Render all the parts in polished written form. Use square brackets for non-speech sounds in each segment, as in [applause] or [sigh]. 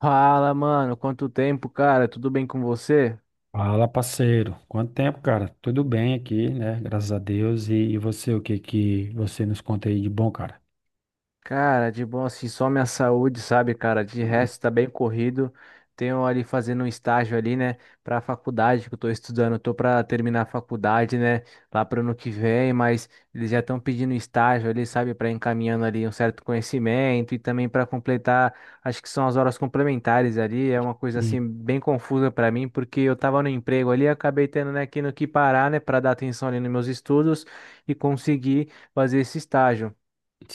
Fala, mano, quanto tempo, cara? Tudo bem com você? Fala, parceiro. Quanto tempo, cara? Tudo bem aqui, né? Graças a Deus. E você, o que que você nos conta aí de bom, cara? Cara, de bom assim, só minha saúde, sabe, cara? De Hum. resto, tá bem corrido. Tenho ali fazendo um estágio ali, né, pra faculdade que eu tô estudando. Tô pra terminar a faculdade, né, lá pro ano que vem, mas eles já estão pedindo estágio ali, sabe, pra encaminhando ali um certo conhecimento e também pra completar, acho que são as horas complementares ali. É uma coisa Sim, assim bem confusa pra mim, porque eu tava no emprego ali, e acabei tendo, né, que no que parar, né, pra dar atenção ali nos meus estudos e conseguir fazer esse estágio.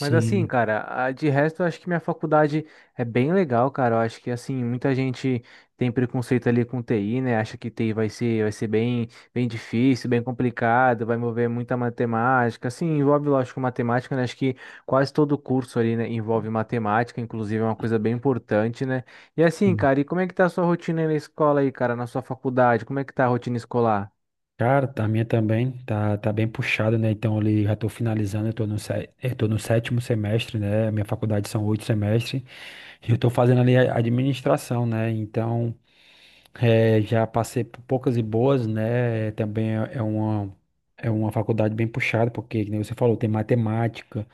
Mas assim, cara, de resto, eu acho que minha faculdade é bem legal, cara. Eu acho que assim, muita gente tem preconceito ali com TI, né? Acha que TI vai ser bem, bem difícil, bem complicado, vai envolver muita matemática. Assim, envolve, lógico, matemática, né? Acho que quase todo curso ali, né, envolve matemática, inclusive é uma coisa bem importante, né? E assim, Sim. cara, e como é que tá a sua rotina aí na escola aí, cara, na sua faculdade? Como é que tá a rotina escolar? Cara, a minha também tá bem puxada, né? Então ali já tô finalizando, eu tô no sétimo semestre, né? A minha faculdade são oito semestres. E eu tô fazendo ali a administração, né? Então, é, já passei por poucas e boas, né? Também é uma, é uma faculdade bem puxada, porque, como você falou, tem matemática,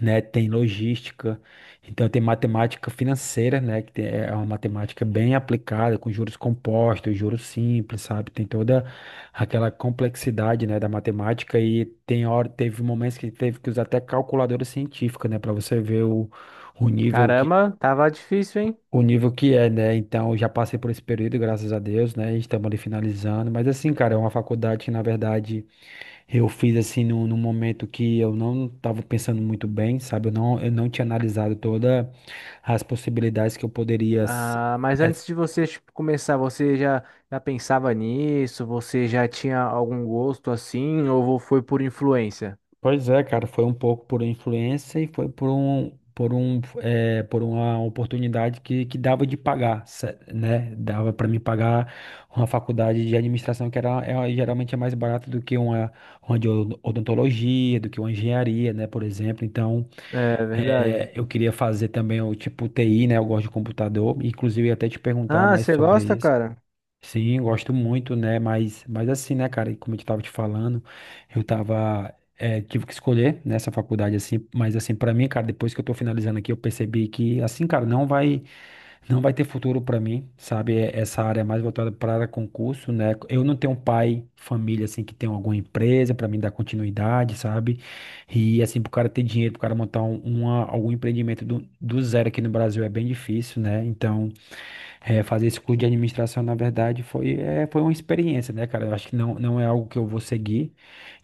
né? Tem logística, então tem matemática financeira, né? É uma matemática bem aplicada, com juros compostos, juros simples, sabe? Tem toda aquela complexidade, né, da matemática e tem hora, teve momentos que teve que usar até calculadora científica, né? Para você ver o nível, Caramba, tava difícil, hein? o nível que é, né? Então, eu já passei por esse período, graças a Deus, né? Estamos ali finalizando. Mas, assim, cara, é uma faculdade que, na verdade, eu fiz, assim, num momento que eu não estava pensando muito bem, sabe? Eu não tinha analisado todas as possibilidades que eu poderia. Ah, mas antes de você, tipo, começar, você já, já pensava nisso? Você já tinha algum gosto assim? Ou foi por influência? Pois é, cara, foi um pouco por influência e foi por uma oportunidade que dava de pagar, né? Dava para me pagar uma faculdade de administração que era, é, geralmente é mais barata do que uma de odontologia, do que uma engenharia, né? Por exemplo, então É verdade. eu queria fazer também o tipo TI, né? Eu gosto de computador, inclusive eu ia até te perguntar Ah, mais você sobre gosta, isso. cara? Sim, gosto muito, né? Mas assim, né, cara, e como eu estava te falando, eu tava, tive que escolher nessa faculdade, assim, mas assim, para mim, cara, depois que eu tô finalizando aqui, eu percebi que, assim, cara, não vai ter futuro para mim, sabe? Essa área é mais voltada para concurso, né? Eu não tenho pai, família, assim, que tem alguma empresa para mim dar continuidade, sabe? E, assim, pro cara ter dinheiro, pro cara montar algum empreendimento do zero aqui no Brasil é bem difícil, né? Então, é, fazer esse curso de administração, na verdade, foi uma experiência, né, cara? Eu acho que não é algo que eu vou seguir.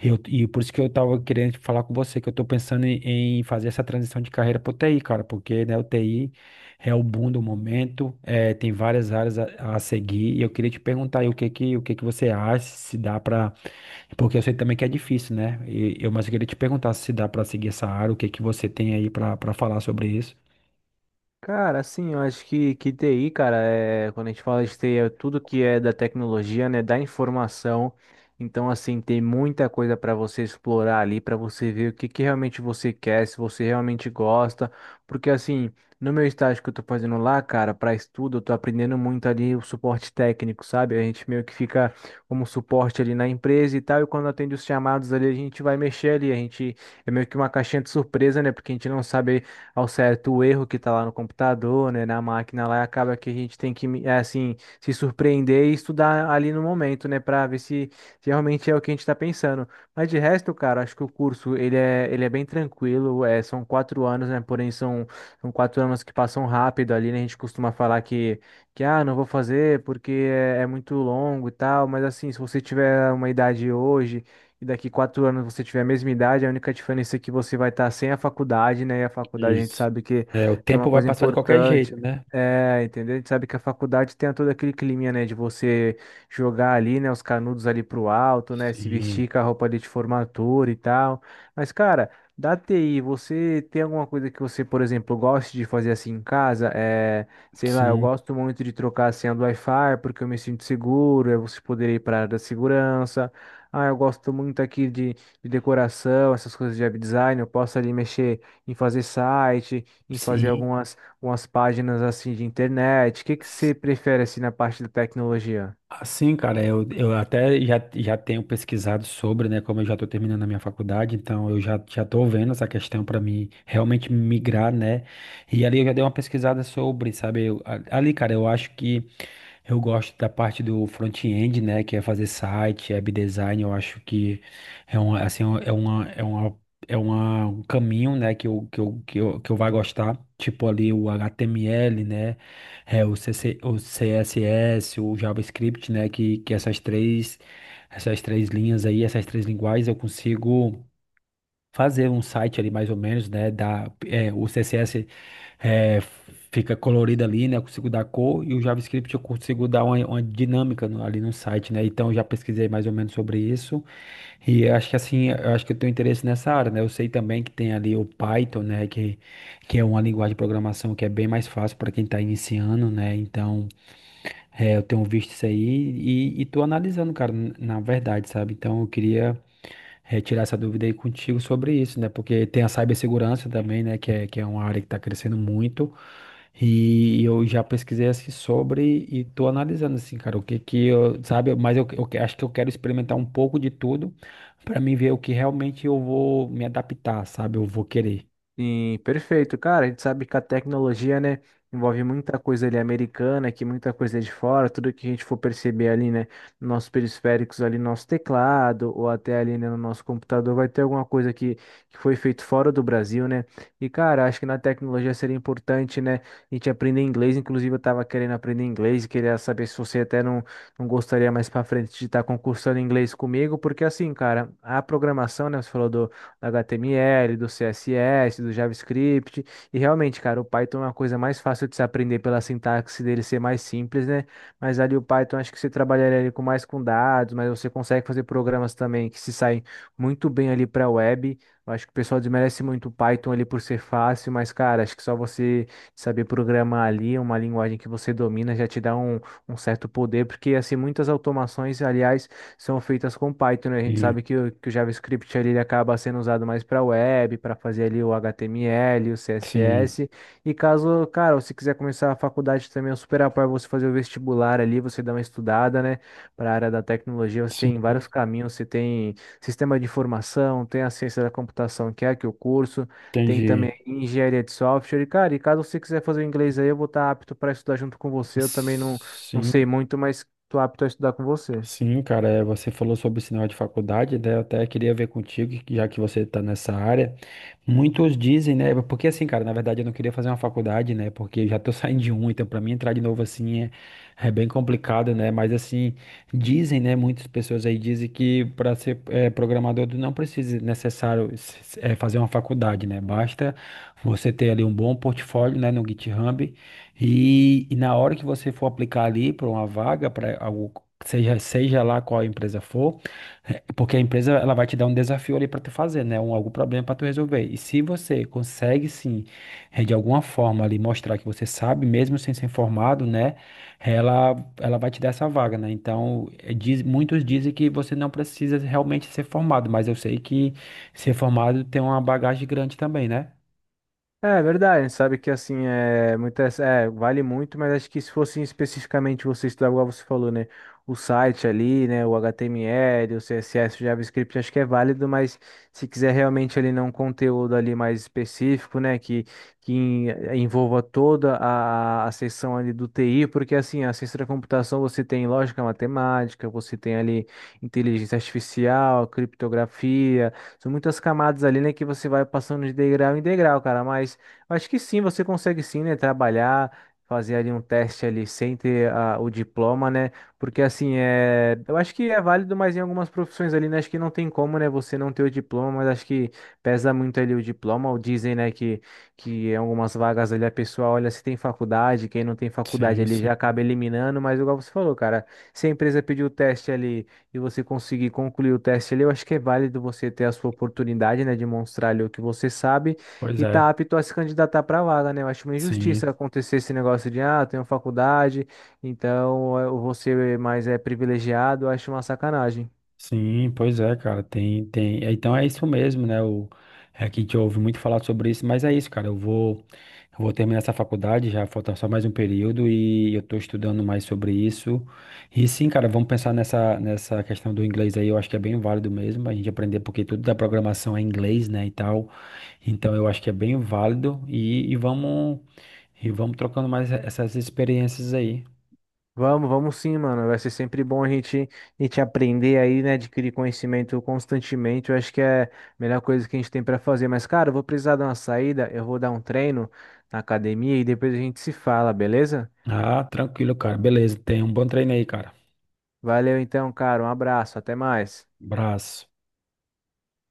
E por isso que eu tava querendo falar com você, que eu tô pensando em fazer essa transição de carreira pro TI, cara, porque, né, o TI é o boom do momento, é, tem várias áreas a seguir, e eu queria te perguntar aí o que que você acha, se dá pra... Porque eu sei também que é difícil, né? Mas eu queria te perguntar se dá pra seguir essa área, o que que você tem aí pra falar sobre isso. Cara, assim, eu acho que TI, cara, é, quando a gente fala de TI, é tudo que é da tecnologia, né, da informação. Então, assim, tem muita coisa para você explorar ali, para você ver o que realmente você quer, se você realmente gosta. Porque, assim, no meu estágio que eu tô fazendo lá, cara, para estudo, eu tô aprendendo muito ali o suporte técnico, sabe? A gente meio que fica como suporte ali na empresa e tal, e quando atende os chamados ali, a gente vai mexer ali, a gente é meio que uma caixinha de surpresa, né? Porque a gente não sabe ao certo o erro que está lá no computador, né, na máquina lá, e acaba que a gente tem que, é, assim, se surpreender e estudar ali no momento, né, para ver se, se realmente é o que a gente está pensando. Mas de resto, cara, acho que o curso, ele é bem tranquilo, é, são quatro anos, né, porém são, são quatro anos que passam rápido ali, né, a gente costuma falar que ah, não vou fazer porque é muito longo e tal, mas assim, se você tiver uma idade hoje e daqui quatro anos você tiver a mesma idade, a única diferença é que você vai estar sem a faculdade, né? E a faculdade a gente Isso. sabe É, o que é uma tempo vai coisa passar de qualquer importante. jeito, né? É, entendeu? A gente sabe que a faculdade tem todo aquele climinha, né, de você jogar ali, né, os canudos ali pro alto, né, se Sim, vestir com a roupa ali de formatura e tal. Mas, cara, da TI, você tem alguma coisa que você, por exemplo, goste de fazer assim em casa? É, sei lá, eu sim, gosto muito de trocar a senha do Wi-Fi porque eu me sinto seguro, é você poder ir para a área da segurança. Ah, eu gosto muito aqui de decoração, essas coisas de web design. Eu posso ali mexer em fazer site, em fazer sim. algumas, algumas páginas assim de internet. O que você prefere assim na parte da tecnologia? Assim, cara, já tenho pesquisado sobre, né? Como eu já estou terminando a minha faculdade, então eu já estou vendo essa questão para mim realmente migrar, né? E ali eu já dei uma pesquisada sobre, sabe? Ali, cara, eu acho que eu gosto da parte do front-end, né, que é fazer site, web design. Eu acho que é um, assim, um caminho, né, que eu vai gostar, tipo ali o HTML, né, é, o CC, o CSS, o JavaScript, né, que essas três linhas aí, essas três linguagens eu consigo fazer um site ali mais ou menos, né? Dar, é, o CSS é, fica colorido ali, né? Eu consigo dar cor e o JavaScript eu consigo dar uma dinâmica ali no site, né? Então eu já pesquisei mais ou menos sobre isso e eu acho que assim, eu acho que eu tenho interesse nessa área, né? Eu sei também que tem ali o Python, né? Que é uma linguagem de programação que é bem mais fácil para quem está iniciando, né? Então é, eu tenho visto isso aí e tô analisando, cara, na verdade, sabe? Então eu queria retirar essa dúvida aí contigo sobre isso, né? Porque tem a cibersegurança também, né? Que é uma área que está crescendo muito. E eu já pesquisei assim sobre e tô analisando assim, cara, o que que eu, sabe, mas acho que eu quero experimentar um pouco de tudo para mim ver o que realmente eu vou me adaptar, sabe? Eu vou querer. Sim, perfeito. Cara, a gente sabe que a tecnologia, né, envolve muita coisa ali americana, que muita coisa é de fora, tudo que a gente for perceber ali, né, nos nossos periféricos ali, no nosso teclado, ou até ali, né, no nosso computador, vai ter alguma coisa que foi feito fora do Brasil, né? E, cara, acho que na tecnologia seria importante, né, a gente aprender inglês. Inclusive, eu tava querendo aprender inglês e queria saber se você até não, não gostaria mais pra frente de estar concursando inglês comigo, porque assim, cara, a programação, né, você falou do HTML, do CSS, do JavaScript. E realmente, cara, o Python é uma coisa mais fácil de se aprender pela sintaxe dele ser mais simples, né? Mas ali o Python acho que você trabalharia ali com mais com dados, mas você consegue fazer programas também que se saem muito bem ali para web. Eu acho que o pessoal desmerece muito o Python ali por ser fácil, mas cara, acho que só você saber programar ali uma linguagem que você domina já te dá um, um certo poder, porque assim muitas automações, aliás, são feitas com Python, né? A gente E, sabe que o JavaScript ali, ele acaba sendo usado mais para web, para fazer ali o HTML, o sim, CSS. E caso, cara, você quiser começar a faculdade também, eu super apoio você fazer o vestibular ali, você dá uma estudada, né? Para a área da tecnologia, você sim, tem vários caminhos, você tem sistema de informação, tem a ciência da computação, que é aqui o curso, tem também entendi. engenharia de software. E, cara, e caso você quiser fazer o inglês aí, eu vou estar apto para estudar junto com você. Eu também não, não sei Sim, muito, mas tô apto a estudar com você. sim, cara, é, você falou sobre o sinal de faculdade, né? Eu até queria ver contigo, que já que você está nessa área. Muitos dizem, né? Porque assim, cara, na verdade eu não queria fazer uma faculdade, né? Porque eu já tô [laughs] saindo de um, então pra mim entrar de novo assim é, é bem complicado, né? Mas assim, dizem, né? Muitas pessoas aí dizem que para ser programador tu não precisa necessário fazer uma faculdade, né? Basta você ter ali um bom portfólio, né? No GitHub e na hora que você for aplicar ali para uma vaga, para algo, seja lá qual a empresa for. É, porque a empresa ela vai te dar um desafio ali para tu fazer, né? Um, algum problema para tu resolver. E se você consegue sim, de alguma forma ali mostrar que você sabe, mesmo sem ser formado, né? Ela vai te dar essa vaga, né? Então, muitos dizem que você não precisa realmente ser formado, mas eu sei que ser formado tem uma bagagem grande também, né? É é verdade, sabe que assim é muito é, vale muito, mas acho que se fosse especificamente você estudar, igual você falou, né? O site ali, né? O HTML, o CSS, o JavaScript, acho que é válido, mas se quiser realmente ali não um conteúdo ali mais específico, né? Que, que em- envolva toda a seção ali do TI, porque assim, a ciência da computação você tem lógica matemática, você tem ali inteligência artificial, criptografia. São muitas camadas ali, né, que você vai passando de degrau em degrau, cara. Mas eu acho que sim, você consegue sim, né, trabalhar, fazer ali um teste ali sem ter ah, o diploma, né? Porque assim, é, eu acho que é válido, mas em algumas profissões ali, né, acho que não tem como, né, você não ter o diploma, mas acho que pesa muito ali o diploma, ou dizem, né, que em algumas vagas ali a pessoa olha se tem faculdade, quem não tem faculdade Sim, ali já sim. acaba eliminando, mas igual você falou, cara, se a empresa pedir o teste ali e você conseguir concluir o teste ali, eu acho que é válido você ter a sua oportunidade, né, de mostrar ali o que você sabe Pois e tá é. apto a se candidatar para a vaga, né? Eu acho uma injustiça Sim. acontecer esse negócio de, ah, eu tenho faculdade, então eh, eu vou ser mais é, privilegiado, eu acho uma sacanagem. Sim, pois é, cara, tem, tem. É, então é isso mesmo, né? É que a gente ouve muito falar sobre isso, mas é isso, cara. Eu vou terminar essa faculdade, já falta só mais um período e eu tô estudando mais sobre isso. E sim, cara, vamos pensar nessa questão do inglês aí, eu acho que é bem válido mesmo a gente aprender, porque tudo da programação é inglês, né, e tal. Então eu acho que é bem válido e vamos trocando mais essas experiências aí. Vamos, vamos sim, mano. Vai ser sempre bom a gente aprender aí, né? Adquirir conhecimento constantemente. Eu acho que é a melhor coisa que a gente tem para fazer. Mas, cara, eu vou precisar dar uma saída, eu vou dar um treino na academia e depois a gente se fala, beleza? Ah, tranquilo, cara. Beleza, tenha um bom treino aí, cara. Valeu então, cara. Um abraço. Até mais. Abraço.